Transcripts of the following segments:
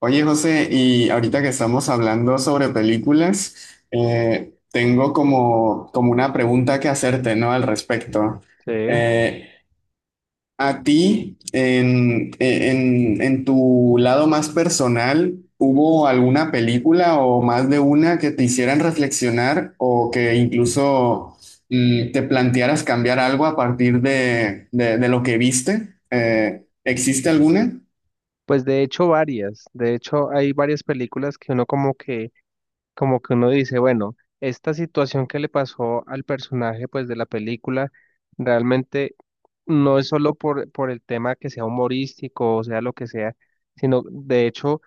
Oye, José, y ahorita que estamos hablando sobre películas, tengo como, como una pregunta que hacerte, ¿no? Al respecto. Sí, Eh, a ti, en tu lado más personal, ¿hubo alguna película o más de una que te hicieran reflexionar o que incluso te plantearas cambiar algo a partir de, de lo que viste? ¿Existe alguna? pues de hecho varias, de hecho hay varias películas que uno como que uno dice, bueno, esta situación que le pasó al personaje pues de la película realmente no es solo por el tema que sea humorístico o sea lo que sea, sino de hecho,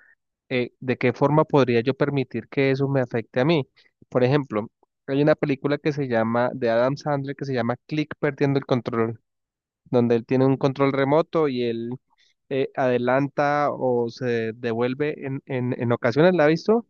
de qué forma podría yo permitir que eso me afecte a mí. Por ejemplo, hay una película que se llama, de Adam Sandler, que se llama Click Perdiendo el Control, donde él tiene un control remoto y él adelanta o se devuelve en ocasiones, la ha visto,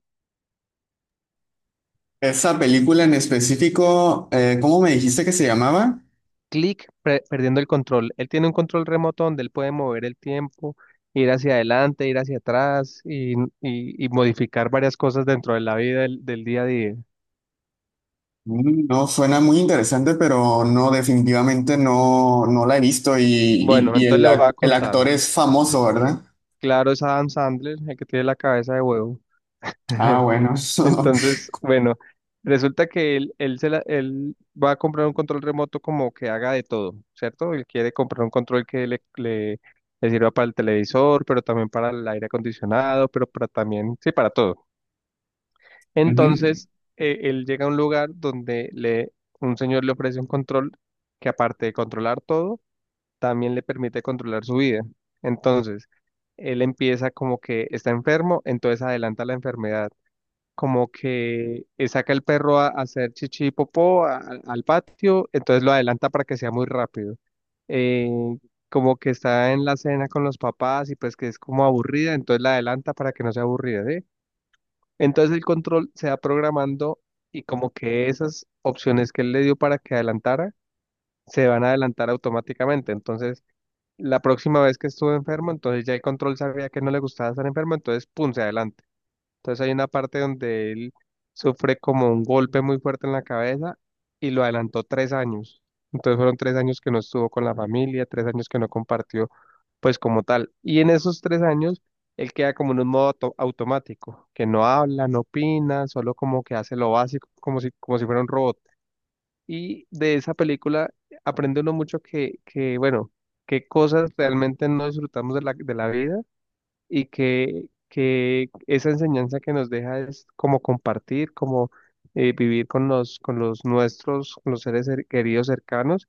Esa película en específico, ¿cómo me dijiste que se llamaba? clic, perdiendo el control. Él tiene un control remoto donde él puede mover el tiempo, ir hacia adelante, ir hacia atrás y modificar varias cosas dentro de la vida del día a día. No, suena muy interesante, pero no, definitivamente no, no la he visto y, y- Bueno, y el, entonces le voy a el contar. actor es famoso, ¿verdad? Claro, es Adam Sandler, el que tiene la cabeza de huevo. Ah, bueno. Entonces, bueno, resulta que él va a comprar un control remoto como que haga de todo, ¿cierto? Él quiere comprar un control que le sirva para el televisor, pero también para el aire acondicionado, pero para también, sí, para todo. Ujú. Entonces, él llega a un lugar donde le, un señor le ofrece un control que aparte de controlar todo, también le permite controlar su vida. Entonces, él empieza como que está enfermo, entonces adelanta la enfermedad como que saca el perro a hacer chichi y popó al patio, entonces lo adelanta para que sea muy rápido. Eh, como que está en la cena con los papás y pues que es como aburrida, entonces la adelanta para que no sea aburrida, ¿sí? Entonces el control se va programando y como que esas opciones que él le dio para que adelantara, se van a adelantar automáticamente. Entonces, la próxima vez que estuvo enfermo, entonces ya el control sabía que no le gustaba estar enfermo, entonces, ¡pum!, se adelanta. Entonces hay una parte donde él sufre como un golpe muy fuerte en la cabeza y lo adelantó tres años. Entonces fueron tres años que no estuvo con la familia, tres años que no compartió, pues como tal. Y en esos tres años, él queda como en un modo automático, que no habla, no opina, solo como que hace lo básico, como si fuera un robot. Y de esa película aprende uno mucho que bueno, qué cosas realmente no disfrutamos de la vida y que esa enseñanza que nos deja es como compartir, como vivir con los nuestros, con los seres queridos cercanos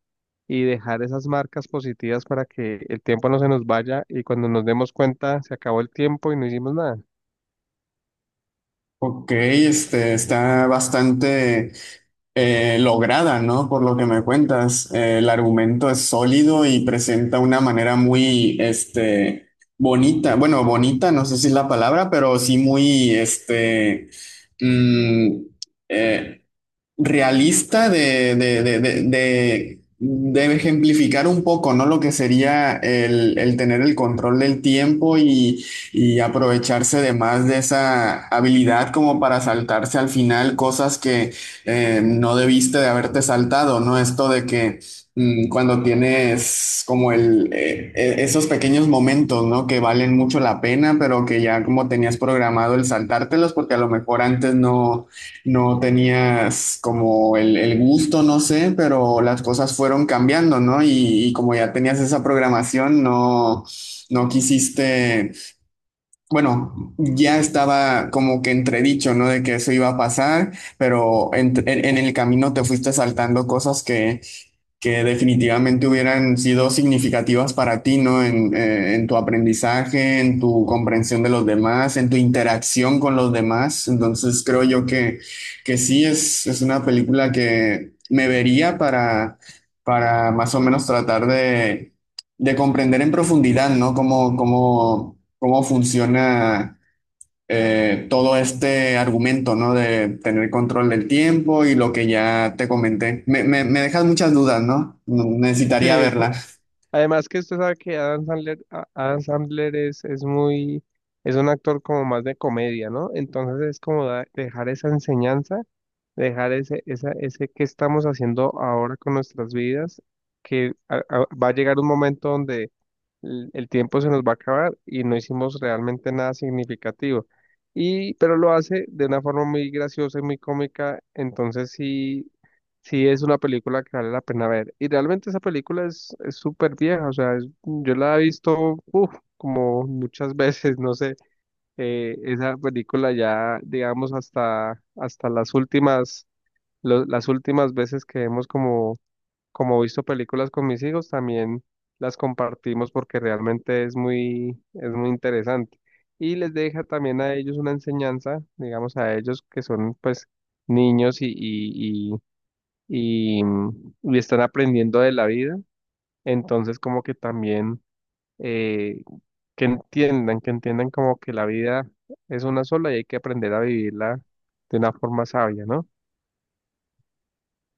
y dejar esas marcas positivas para que el tiempo no se nos vaya y cuando nos demos cuenta se acabó el tiempo y no hicimos nada. Ok, este está bastante. Lograda, ¿no? Por lo que me cuentas. El argumento es sólido y presenta una manera muy, este, bonita, bueno, bonita, no sé si es la palabra, pero sí muy, este, mm, eh, realista de, de ejemplificar un poco, ¿no? Lo que sería el tener el control del tiempo y aprovecharse de más de esa habilidad como para saltarse al final cosas que no debiste de haberte saltado, ¿no? Esto de que cuando tienes como el, esos pequeños momentos, ¿no? Que valen mucho la pena, pero que ya como tenías programado el saltártelos porque a lo mejor antes no no tenías como el gusto, no sé, pero las cosas fueron cambiando, ¿no? Y como ya tenías esa programación, no, no quisiste, bueno, ya estaba como que entredicho, ¿no? De que eso iba a pasar, pero en, en el camino te fuiste saltando cosas que definitivamente hubieran sido significativas para ti, ¿no? En tu aprendizaje, en tu comprensión de los demás, en tu interacción con los demás. Entonces creo yo que sí es una película que me vería para más o menos tratar de comprender en profundidad, ¿no? Cómo, cómo, cómo funciona todo este argumento, ¿no? De tener control del tiempo y lo que ya te comenté. Me dejas muchas dudas, ¿no? No, Sí, necesitaría es, verla. además que usted sabe que Adam Sandler, Adam Sandler es muy, es un actor como más de comedia, ¿no? Entonces es como dejar esa enseñanza, dejar ese que estamos haciendo ahora con nuestras vidas, que va a llegar un momento donde el tiempo se nos va a acabar y no hicimos realmente nada significativo. Y, pero lo hace de una forma muy graciosa y muy cómica, entonces sí, sí es una película que vale la pena ver. Y realmente esa película es súper vieja, o sea, es- yo la he visto uf, como muchas veces, no sé, esa película ya, digamos, hasta las últimas, las últimas veces que vemos como como he visto películas con mis hijos, también las compartimos porque realmente es muy interesante. Y les deja también a ellos una enseñanza, digamos a ellos que son pues niños y están aprendiendo de la vida. Entonces como que también eh, que entiendan como que la vida es una sola y hay que aprender a vivirla de una forma sabia, ¿no?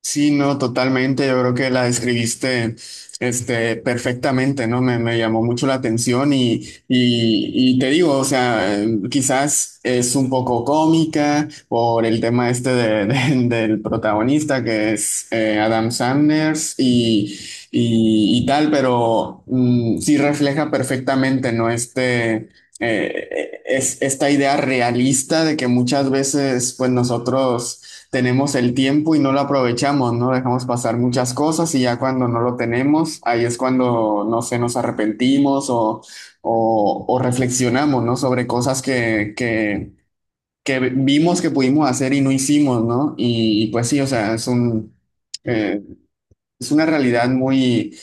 Sí, no, totalmente. Yo creo que la describiste, este, perfectamente, ¿no? Me llamó mucho la atención y te digo, o sea, quizás es un poco cómica por el tema este de- del protagonista que es Adam Sanders y tal, pero sí refleja perfectamente, ¿no? Este, es esta idea realista de que muchas veces, pues nosotros tenemos el tiempo y no lo aprovechamos, ¿no? Dejamos pasar muchas cosas y ya cuando no lo tenemos, ahí es cuando, no sé, nos arrepentimos o reflexionamos, ¿no? Sobre cosas que vimos que pudimos hacer y no hicimos, ¿no? Y pues sí, o sea, es un, eh, es una realidad muy,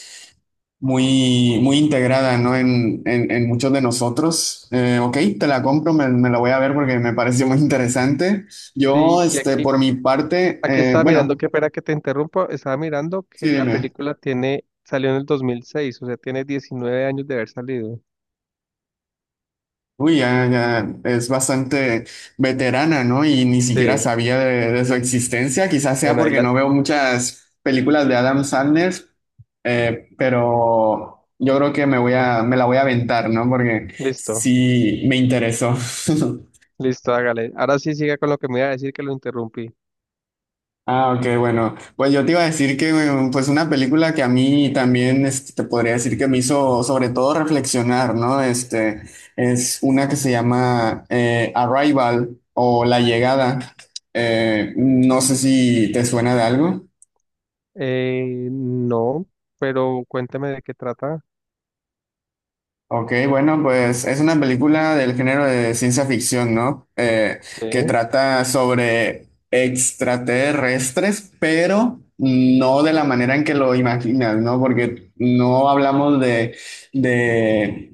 muy, muy integrada, ¿no? En muchos de nosotros. Ok, te la compro, me la voy a ver porque me pareció muy interesante. Yo, Y, y este, aquí, por mi parte, Aquí estaba mirando, bueno, qué pena que te interrumpa, estaba mirando que sí, la dime. película tiene, salió en el 2006, o sea, tiene 19 años de haber salido. Uy, ya, ya es bastante veterana, ¿no? Y ni siquiera Sí, sabía de su existencia. Quizás sea bueno, ahí porque la, no veo muchas películas de Adam Sandler, pero yo creo que me voy a, me la voy a aventar, ¿no? Porque listo, sí me interesó. listo, hágale. Ahora sí siga con lo que me iba a decir que lo interrumpí. Ah, ok, bueno. Pues yo te iba a decir que pues una película que a mí también este, te podría decir que me hizo sobre todo reflexionar, ¿no? Este es una que se llama Arrival o La Llegada. No sé si te suena de algo. No, pero cuéntame de qué trata. Ok, bueno, pues es una película del género de ciencia ficción, ¿no? Que Sí, trata sobre extraterrestres, pero no de la manera en que lo imaginas, ¿no? Porque no hablamos de,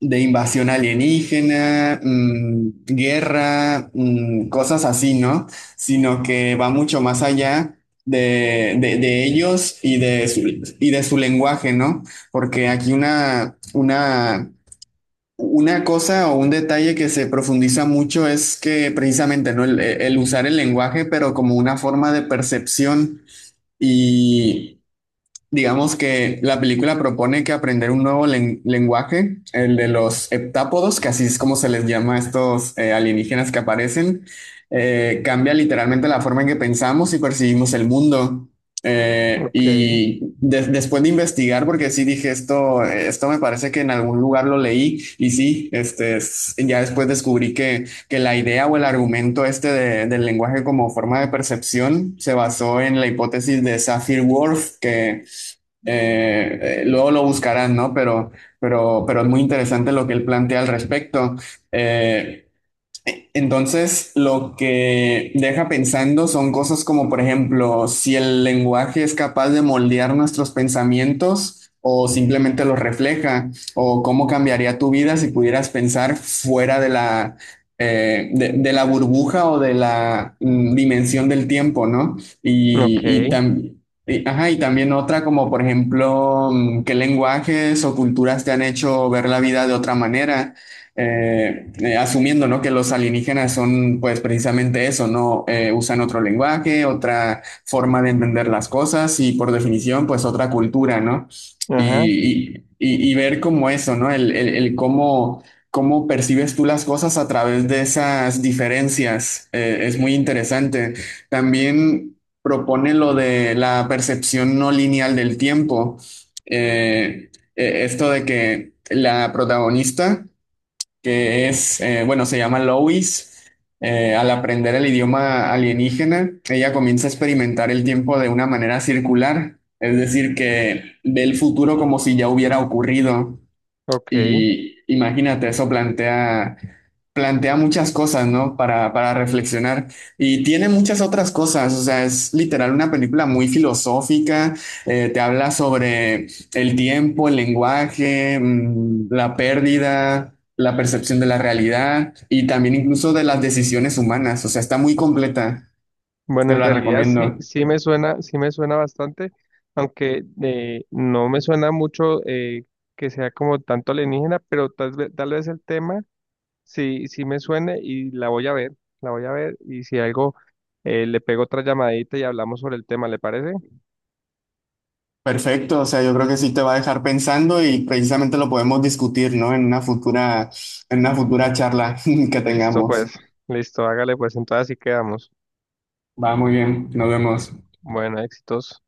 de invasión alienígena, guerra, cosas así, ¿no? Sino que va mucho más allá de ellos y de su lenguaje, ¿no? Porque aquí una, una cosa o un detalle que se profundiza mucho es que precisamente, ¿no? El usar el lenguaje, pero como una forma de percepción y digamos que la película propone que aprender un nuevo lenguaje, el de los heptápodos, que así es como se les llama a estos alienígenas que aparecen, cambia literalmente la forma en que pensamos y percibimos el mundo. Ok, Después de investigar, porque sí dije esto, esto me parece que en algún lugar lo leí y sí, este, ya después descubrí que la idea o el argumento este del lenguaje como forma de percepción se basó en la hipótesis de Sapir-Whorf, que luego lo buscarán, ¿no? Pero es muy interesante lo que él plantea al respecto. Eh, entonces, lo que deja pensando son cosas como, por ejemplo, si el lenguaje es capaz de moldear nuestros pensamientos o simplemente los refleja, o cómo cambiaría tu vida si pudieras pensar fuera de la burbuja o de la dimensión del tiempo, ¿no? ok, Y, ajá, y también otra como, por ejemplo, qué lenguajes o culturas te han hecho ver la vida de otra manera, asumiendo, ¿no?, que los alienígenas son pues precisamente eso, ¿no? Usan otro lenguaje, otra forma de entender las cosas y por definición pues otra cultura, ¿no? Y, ajá, y ver como eso, ¿no? El, el cómo, cómo percibes tú las cosas a través de esas diferencias, es muy interesante. También propone lo de la percepción no lineal del tiempo. Eh, Esto de que la protagonista que es, bueno, se llama Lois. Al aprender el idioma alienígena, ella comienza a experimentar el tiempo de una manera circular, es decir, que ve el futuro como si ya hubiera ocurrido. ok. Y imagínate, eso plantea, plantea muchas cosas, ¿no? Para reflexionar. Y tiene muchas otras cosas, o sea, es literal una película muy filosófica, te habla sobre el tiempo, el lenguaje, la pérdida, la percepción de la realidad y también incluso de las decisiones humanas, o sea, está muy completa, Bueno, te en la realidad sí, recomiendo. Sí me suena bastante, aunque no me suena mucho que sea como tanto alienígena, pero tal vez el tema sí, sí me suene y la voy a ver, la voy a ver y si algo le pego otra llamadita y hablamos sobre el tema, ¿le parece? Perfecto, o sea, yo creo que sí te va a dejar pensando y precisamente lo podemos discutir, ¿no? En una futura charla que Listo, tengamos. pues, listo, hágale pues, entonces así quedamos. Va, muy bien, nos vemos. Bueno, éxitos.